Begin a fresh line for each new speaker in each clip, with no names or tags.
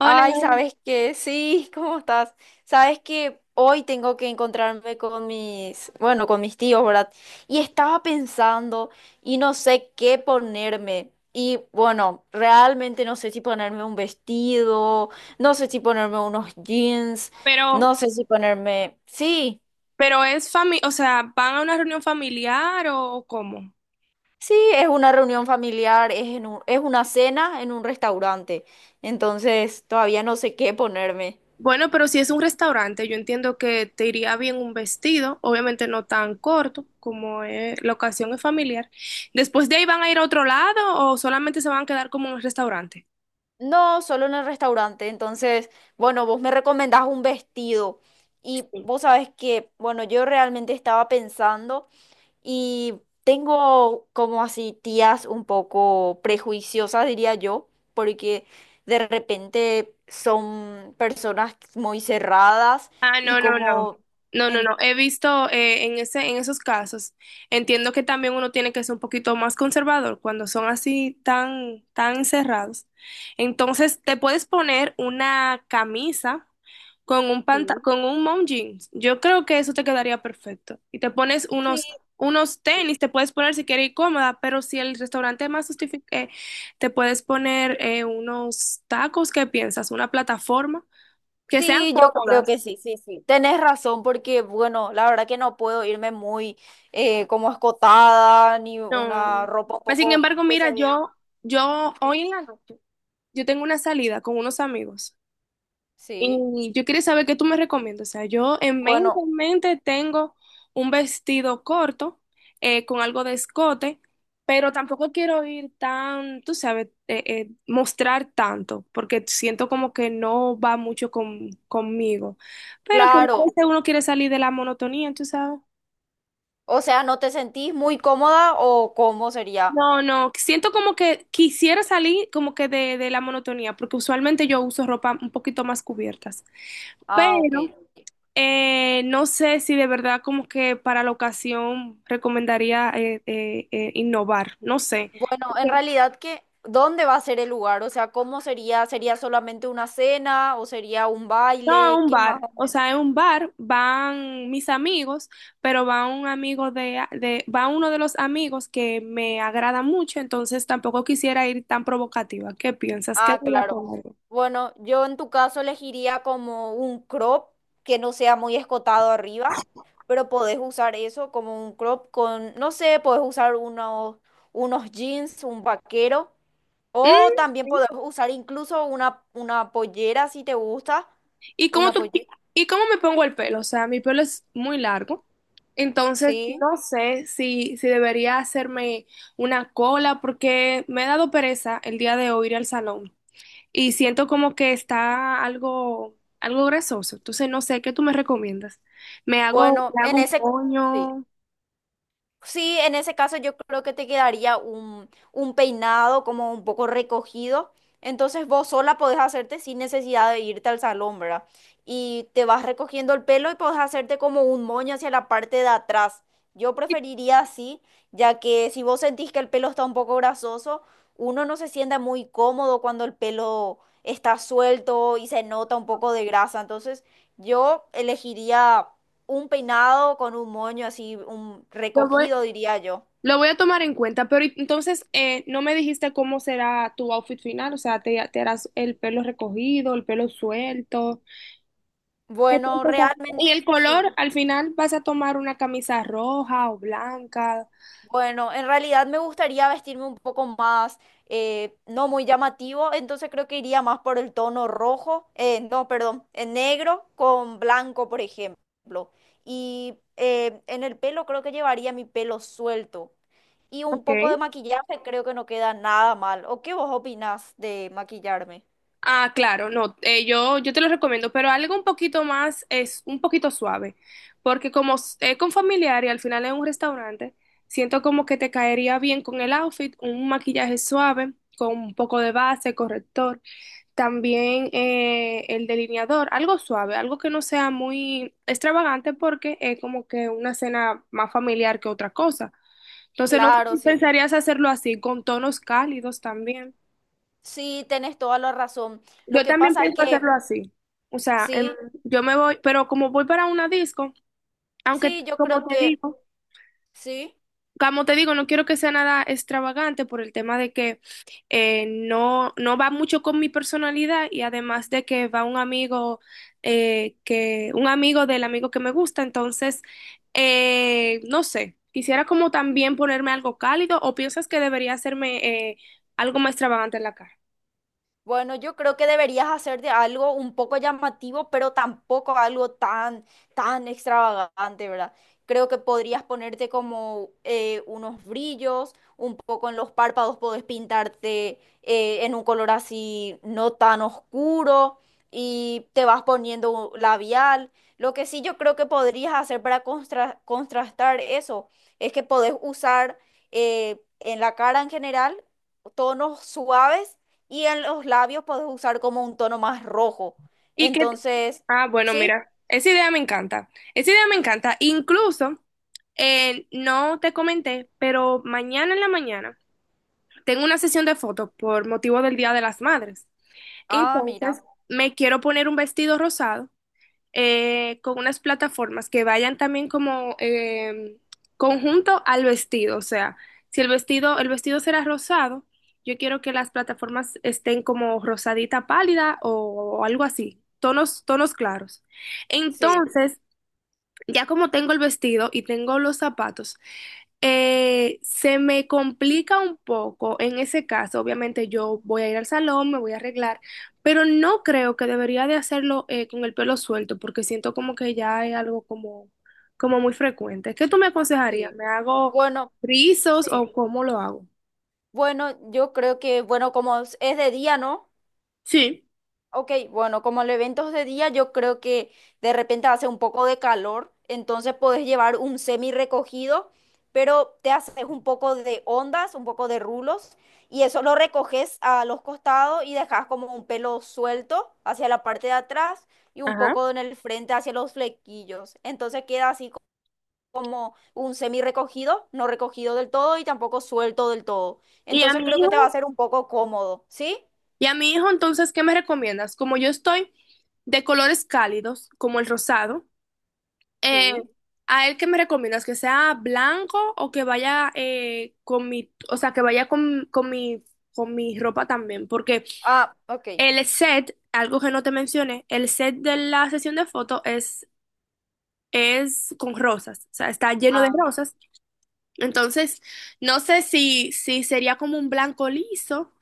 Hola,
Ay, ¿sabes qué? Sí, ¿cómo estás? ¿Sabes que hoy tengo que encontrarme con mis, bueno, con mis tíos, ¿verdad? Y estaba pensando y no sé qué ponerme. Y bueno, realmente no sé si ponerme un vestido, no sé si ponerme unos jeans,
pero,
no sé si ponerme... Sí,
pero es familia, o sea, ¿van a una reunión familiar o cómo?
sí, es una reunión familiar, es en es una cena en un restaurante. Entonces, todavía no sé qué ponerme.
Bueno, pero si es un restaurante, yo entiendo que te iría bien un vestido, obviamente no tan corto como la ocasión es familiar. Después de ahí van a ir a otro lado o solamente se van a quedar como en el restaurante.
No, solo en el restaurante. Entonces, bueno, vos me recomendás un vestido y vos sabés que, bueno, yo realmente estaba pensando y tengo como así tías un poco prejuiciosas, diría yo, porque de repente son personas muy cerradas
Ah,
y
no, no, no.
como...
No, no,
en-
no. He visto en en esos casos. Entiendo que también uno tiene que ser un poquito más conservador cuando son así tan, tan encerrados. Entonces, te puedes poner una camisa con un
Sí.
con un mom jeans. Yo creo que eso te quedaría perfecto. Y te pones
Sí,
unos
sí.
tenis, te puedes poner si quieres ir cómoda, pero si el restaurante más justifique, te puedes poner unos tacos, ¿qué piensas? Una plataforma que sean
Sí, yo creo
cómodas.
que sí, sí, sí. Tenés razón porque, bueno, la verdad que no puedo irme muy como escotada ni
No.
una ropa un
Mas, sin
poco
embargo,
que
mira,
se vea.
yo
Sí.
hoy en la noche, yo tengo una salida con unos amigos
Sí.
y yo quería saber qué tú me recomiendas. O sea, yo en
Bueno,
en mente tengo un vestido corto, con algo de escote, pero tampoco quiero ir tan, tú sabes, mostrar tanto, porque siento como que no va mucho conmigo. Pero que a
claro.
veces uno quiere salir de la monotonía, tú sabes.
O sea, ¿no te sentís muy cómoda o cómo sería?
No, no, siento como que quisiera salir como que de la monotonía, porque usualmente yo uso ropa un poquito más cubiertas,
Ah, ok.
pero no sé si de verdad como que para la ocasión recomendaría innovar, no sé.
Bueno, en
Porque,
realidad que, ¿dónde va a ser el lugar? O sea, ¿cómo sería? ¿Sería solamente una cena o sería un
No, a
baile?
un
¿Qué
bar,
más o
o
menos?
sea, en un bar van mis amigos, pero va un amigo va uno de los amigos que me agrada mucho, entonces tampoco quisiera ir tan provocativa. ¿Qué piensas? ¿Qué
Ah,
debería
claro.
poner?
Bueno, yo en tu caso elegiría como un crop que no sea muy escotado arriba, pero podés usar eso como un crop con, no sé, podés usar unos, unos jeans, un vaquero,
Mm,
o también
sí.
podés usar incluso una pollera si te gusta,
¿Y cómo
una
tú,
pollera.
y cómo me pongo el pelo? O sea, mi pelo es muy largo. Entonces,
Sí,
no sé si debería hacerme una cola porque me ha dado pereza el día de hoy ir al salón y siento como que está algo, algo grasoso. Entonces, no sé, ¿qué tú me recomiendas? ¿Me
bueno,
me hago
en
un
ese... sí.
moño?
Sí, en ese caso yo creo que te quedaría un peinado como un poco recogido. Entonces vos sola podés hacerte sin necesidad de irte al salón, ¿verdad? Y te vas recogiendo el pelo y podés hacerte como un moño hacia la parte de atrás. Yo preferiría así, ya que si vos sentís que el pelo está un poco grasoso, uno no se sienta muy cómodo cuando el pelo está suelto y se nota un poco de grasa. Entonces yo elegiría un peinado con un moño así, un
Lo voy,
recogido, diría yo.
lo voy a tomar en cuenta, pero entonces no me dijiste cómo será tu outfit final, o sea, te harás el pelo recogido, el pelo suelto.
Bueno,
Y
realmente
el
sí.
color, al final vas a tomar una camisa roja o blanca.
Bueno, en realidad me gustaría vestirme un poco más, no muy llamativo, entonces creo que iría más por el tono rojo, no, perdón, en negro con blanco, por ejemplo. Y en el pelo creo que llevaría mi pelo suelto. Y un poco de
Okay.
maquillaje creo que no queda nada mal. ¿O qué vos opinás de maquillarme?
Ah, claro, no, yo te lo recomiendo, pero algo un poquito más es un poquito suave, porque como es con familiar y al final es un restaurante, siento como que te caería bien con el outfit, un maquillaje suave, con un poco de base, corrector, también el delineador, algo suave, algo que no sea muy extravagante porque es como que una cena más familiar que otra cosa. Entonces, no sé
Claro,
si
sí.
pensarías hacerlo así, con tonos cálidos también.
Sí, tenés toda la razón. Lo
Yo
que
también
pasa es
pienso
que,
hacerlo así. O sea,
sí,
yo me voy, pero como voy para una disco, aunque
sí, yo
como
creo
te
que,
digo,
sí.
como te digo, no quiero que sea nada extravagante por el tema de que no, no va mucho con mi personalidad y además de que va un amigo un amigo del amigo que me gusta, entonces no sé, quisiera como también ponerme algo cálido o piensas que debería hacerme algo más extravagante en la cara.
Bueno, yo creo que deberías hacerte algo un poco llamativo, pero tampoco algo tan, tan extravagante, ¿verdad? Creo que podrías ponerte como unos brillos, un poco en los párpados, podés pintarte en un color así no tan oscuro y te vas poniendo un labial. Lo que sí yo creo que podrías hacer para contrastar eso es que podés usar en la cara en general tonos suaves y en los labios puedes usar como un tono más rojo.
Y que,
Entonces,
ah, bueno,
¿sí?
mira, esa idea me encanta, esa idea me encanta, incluso no te comenté, pero mañana en la mañana. Tengo una sesión de fotos por motivo del Día de las Madres.
Ah, mira,
Entonces, me quiero poner un vestido rosado con unas plataformas que vayan también como conjunto al vestido. O sea, si el el vestido será rosado, yo quiero que las plataformas estén como rosadita pálida o algo así, tonos claros.
sí,
Entonces, ya como tengo el vestido y tengo los zapatos, se me complica un poco en ese caso, obviamente yo voy a ir al salón, me voy a arreglar, pero no creo que debería de hacerlo con el pelo suelto porque siento como que ya es algo como muy frecuente. ¿Qué tú me aconsejarías?
sí.
¿Me hago
Bueno,
rizos
sí.
o cómo lo hago?
Bueno, yo creo que, bueno, como es de día, ¿no?
Sí.
Ok, bueno, como el evento es de día, yo creo que de repente hace un poco de calor, entonces podés llevar un semi recogido, pero te haces un poco de ondas, un poco de rulos, y eso lo recoges a los costados y dejas como un pelo suelto hacia la parte de atrás y un
Ajá.
poco en el frente hacia los flequillos. Entonces queda así co- como un semi recogido, no recogido del todo y tampoco suelto del todo.
¿Y a
Entonces
mi
creo que te va a
hijo?
ser un poco cómodo, ¿sí?
¿Y a mi hijo entonces qué me recomiendas? Como yo estoy de colores cálidos, como el rosado. Eh,
Sí.
¿A él qué me recomiendas? ¿Que sea blanco o que vaya o sea, que vaya con con mi ropa también? Porque
Ah, ok.
el set, algo que no te mencioné, el set de la sesión de fotos es con rosas, o sea, está lleno de
Ah,
rosas. Entonces, no sé si sería como un blanco liso,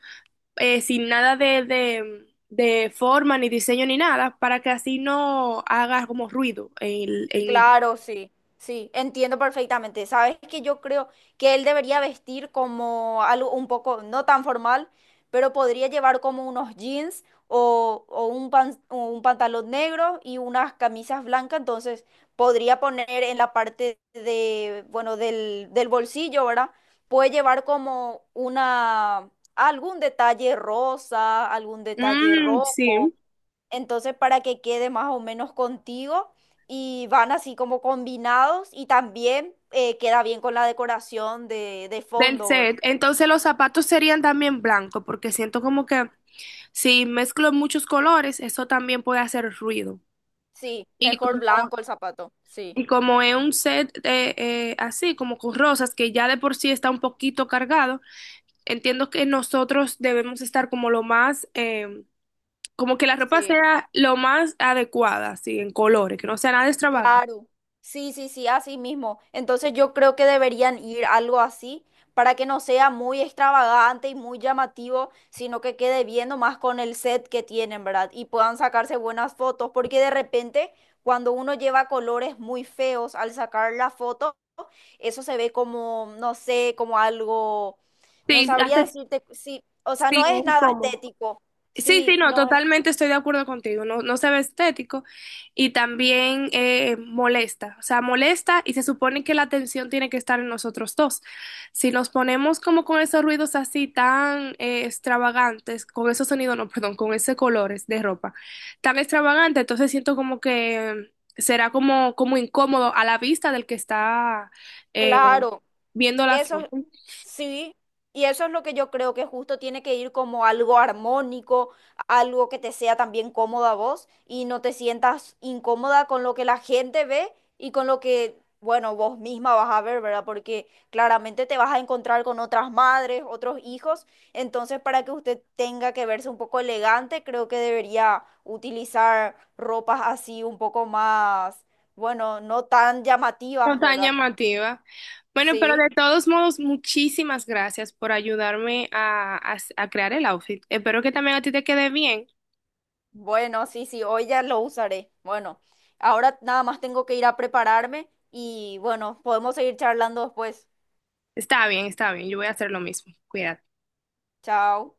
sin nada de forma, ni diseño, ni nada, para que así no haga como ruido en...
claro, sí, sí, entiendo perfectamente. Sabes que yo creo que él debería vestir como algo un poco no tan formal, pero podría llevar como unos jeans o un o un pantalón negro y unas camisas blancas. Entonces podría poner en la parte de, bueno, del, del bolsillo, ¿verdad? Puede llevar como una, algún detalle rosa, algún detalle
Mm, sí.
rojo. Entonces, para que quede más o menos contigo y van así como combinados y también queda bien con la decoración de
Del
fondo, ¿verdad?
set. Entonces los zapatos serían también blancos, porque siento como que si mezclo muchos colores, eso también puede hacer ruido.
Sí,
Y
mejor
como,
blanco el zapato. Sí,
y como es un set así, como con rosas, que ya de por sí está un poquito cargado, entiendo que nosotros debemos estar como lo más, como que la ropa
sí.
sea lo más adecuada, así, en colores, que no sea nada extravagante.
Claro, sí, sí, sí, así mismo. Entonces yo creo que deberían ir algo así para que no sea muy extravagante y muy llamativo, sino que quede bien nomás con el set que tienen, ¿verdad? Y puedan sacarse buenas fotos, porque de repente cuando uno lleva colores muy feos al sacar la foto, eso se ve como, no sé, como algo, no
Sí,
sabría
hace,
decirte, sí, o sea,
sí,
no es
es
nada
incómodo.
estético,
Sí, sí,
sí,
no,
no es,
totalmente estoy de acuerdo contigo. No, no se ve estético y también molesta. O sea, molesta y se supone que la atención tiene que estar en nosotros dos. Si nos ponemos como con esos ruidos así tan extravagantes, con esos sonidos, no, perdón, con esos colores de ropa tan extravagante, entonces siento como que será como incómodo a la vista del que está eh,
claro.
viendo la
Eso
foto.
es- sí, y eso es lo que yo creo que justo tiene que ir como algo armónico, algo que te sea también cómoda a vos y no te sientas incómoda con lo que la gente ve y con lo que, bueno, vos misma vas a ver, ¿verdad? Porque claramente te vas a encontrar con otras madres, otros hijos, entonces para que usted tenga que verse un poco elegante, creo que debería utilizar ropas así un poco más, bueno, no tan
No
llamativas,
tan
¿verdad?
llamativa. Bueno, pero
Sí.
de todos modos, muchísimas gracias por ayudarme a crear el outfit. Espero que también a ti te quede bien.
Bueno, sí, sí, hoy ya lo usaré. Bueno, ahora nada más tengo que ir a prepararme y bueno, podemos seguir charlando después.
Está bien, está bien. Yo voy a hacer lo mismo. Cuídate.
Chao.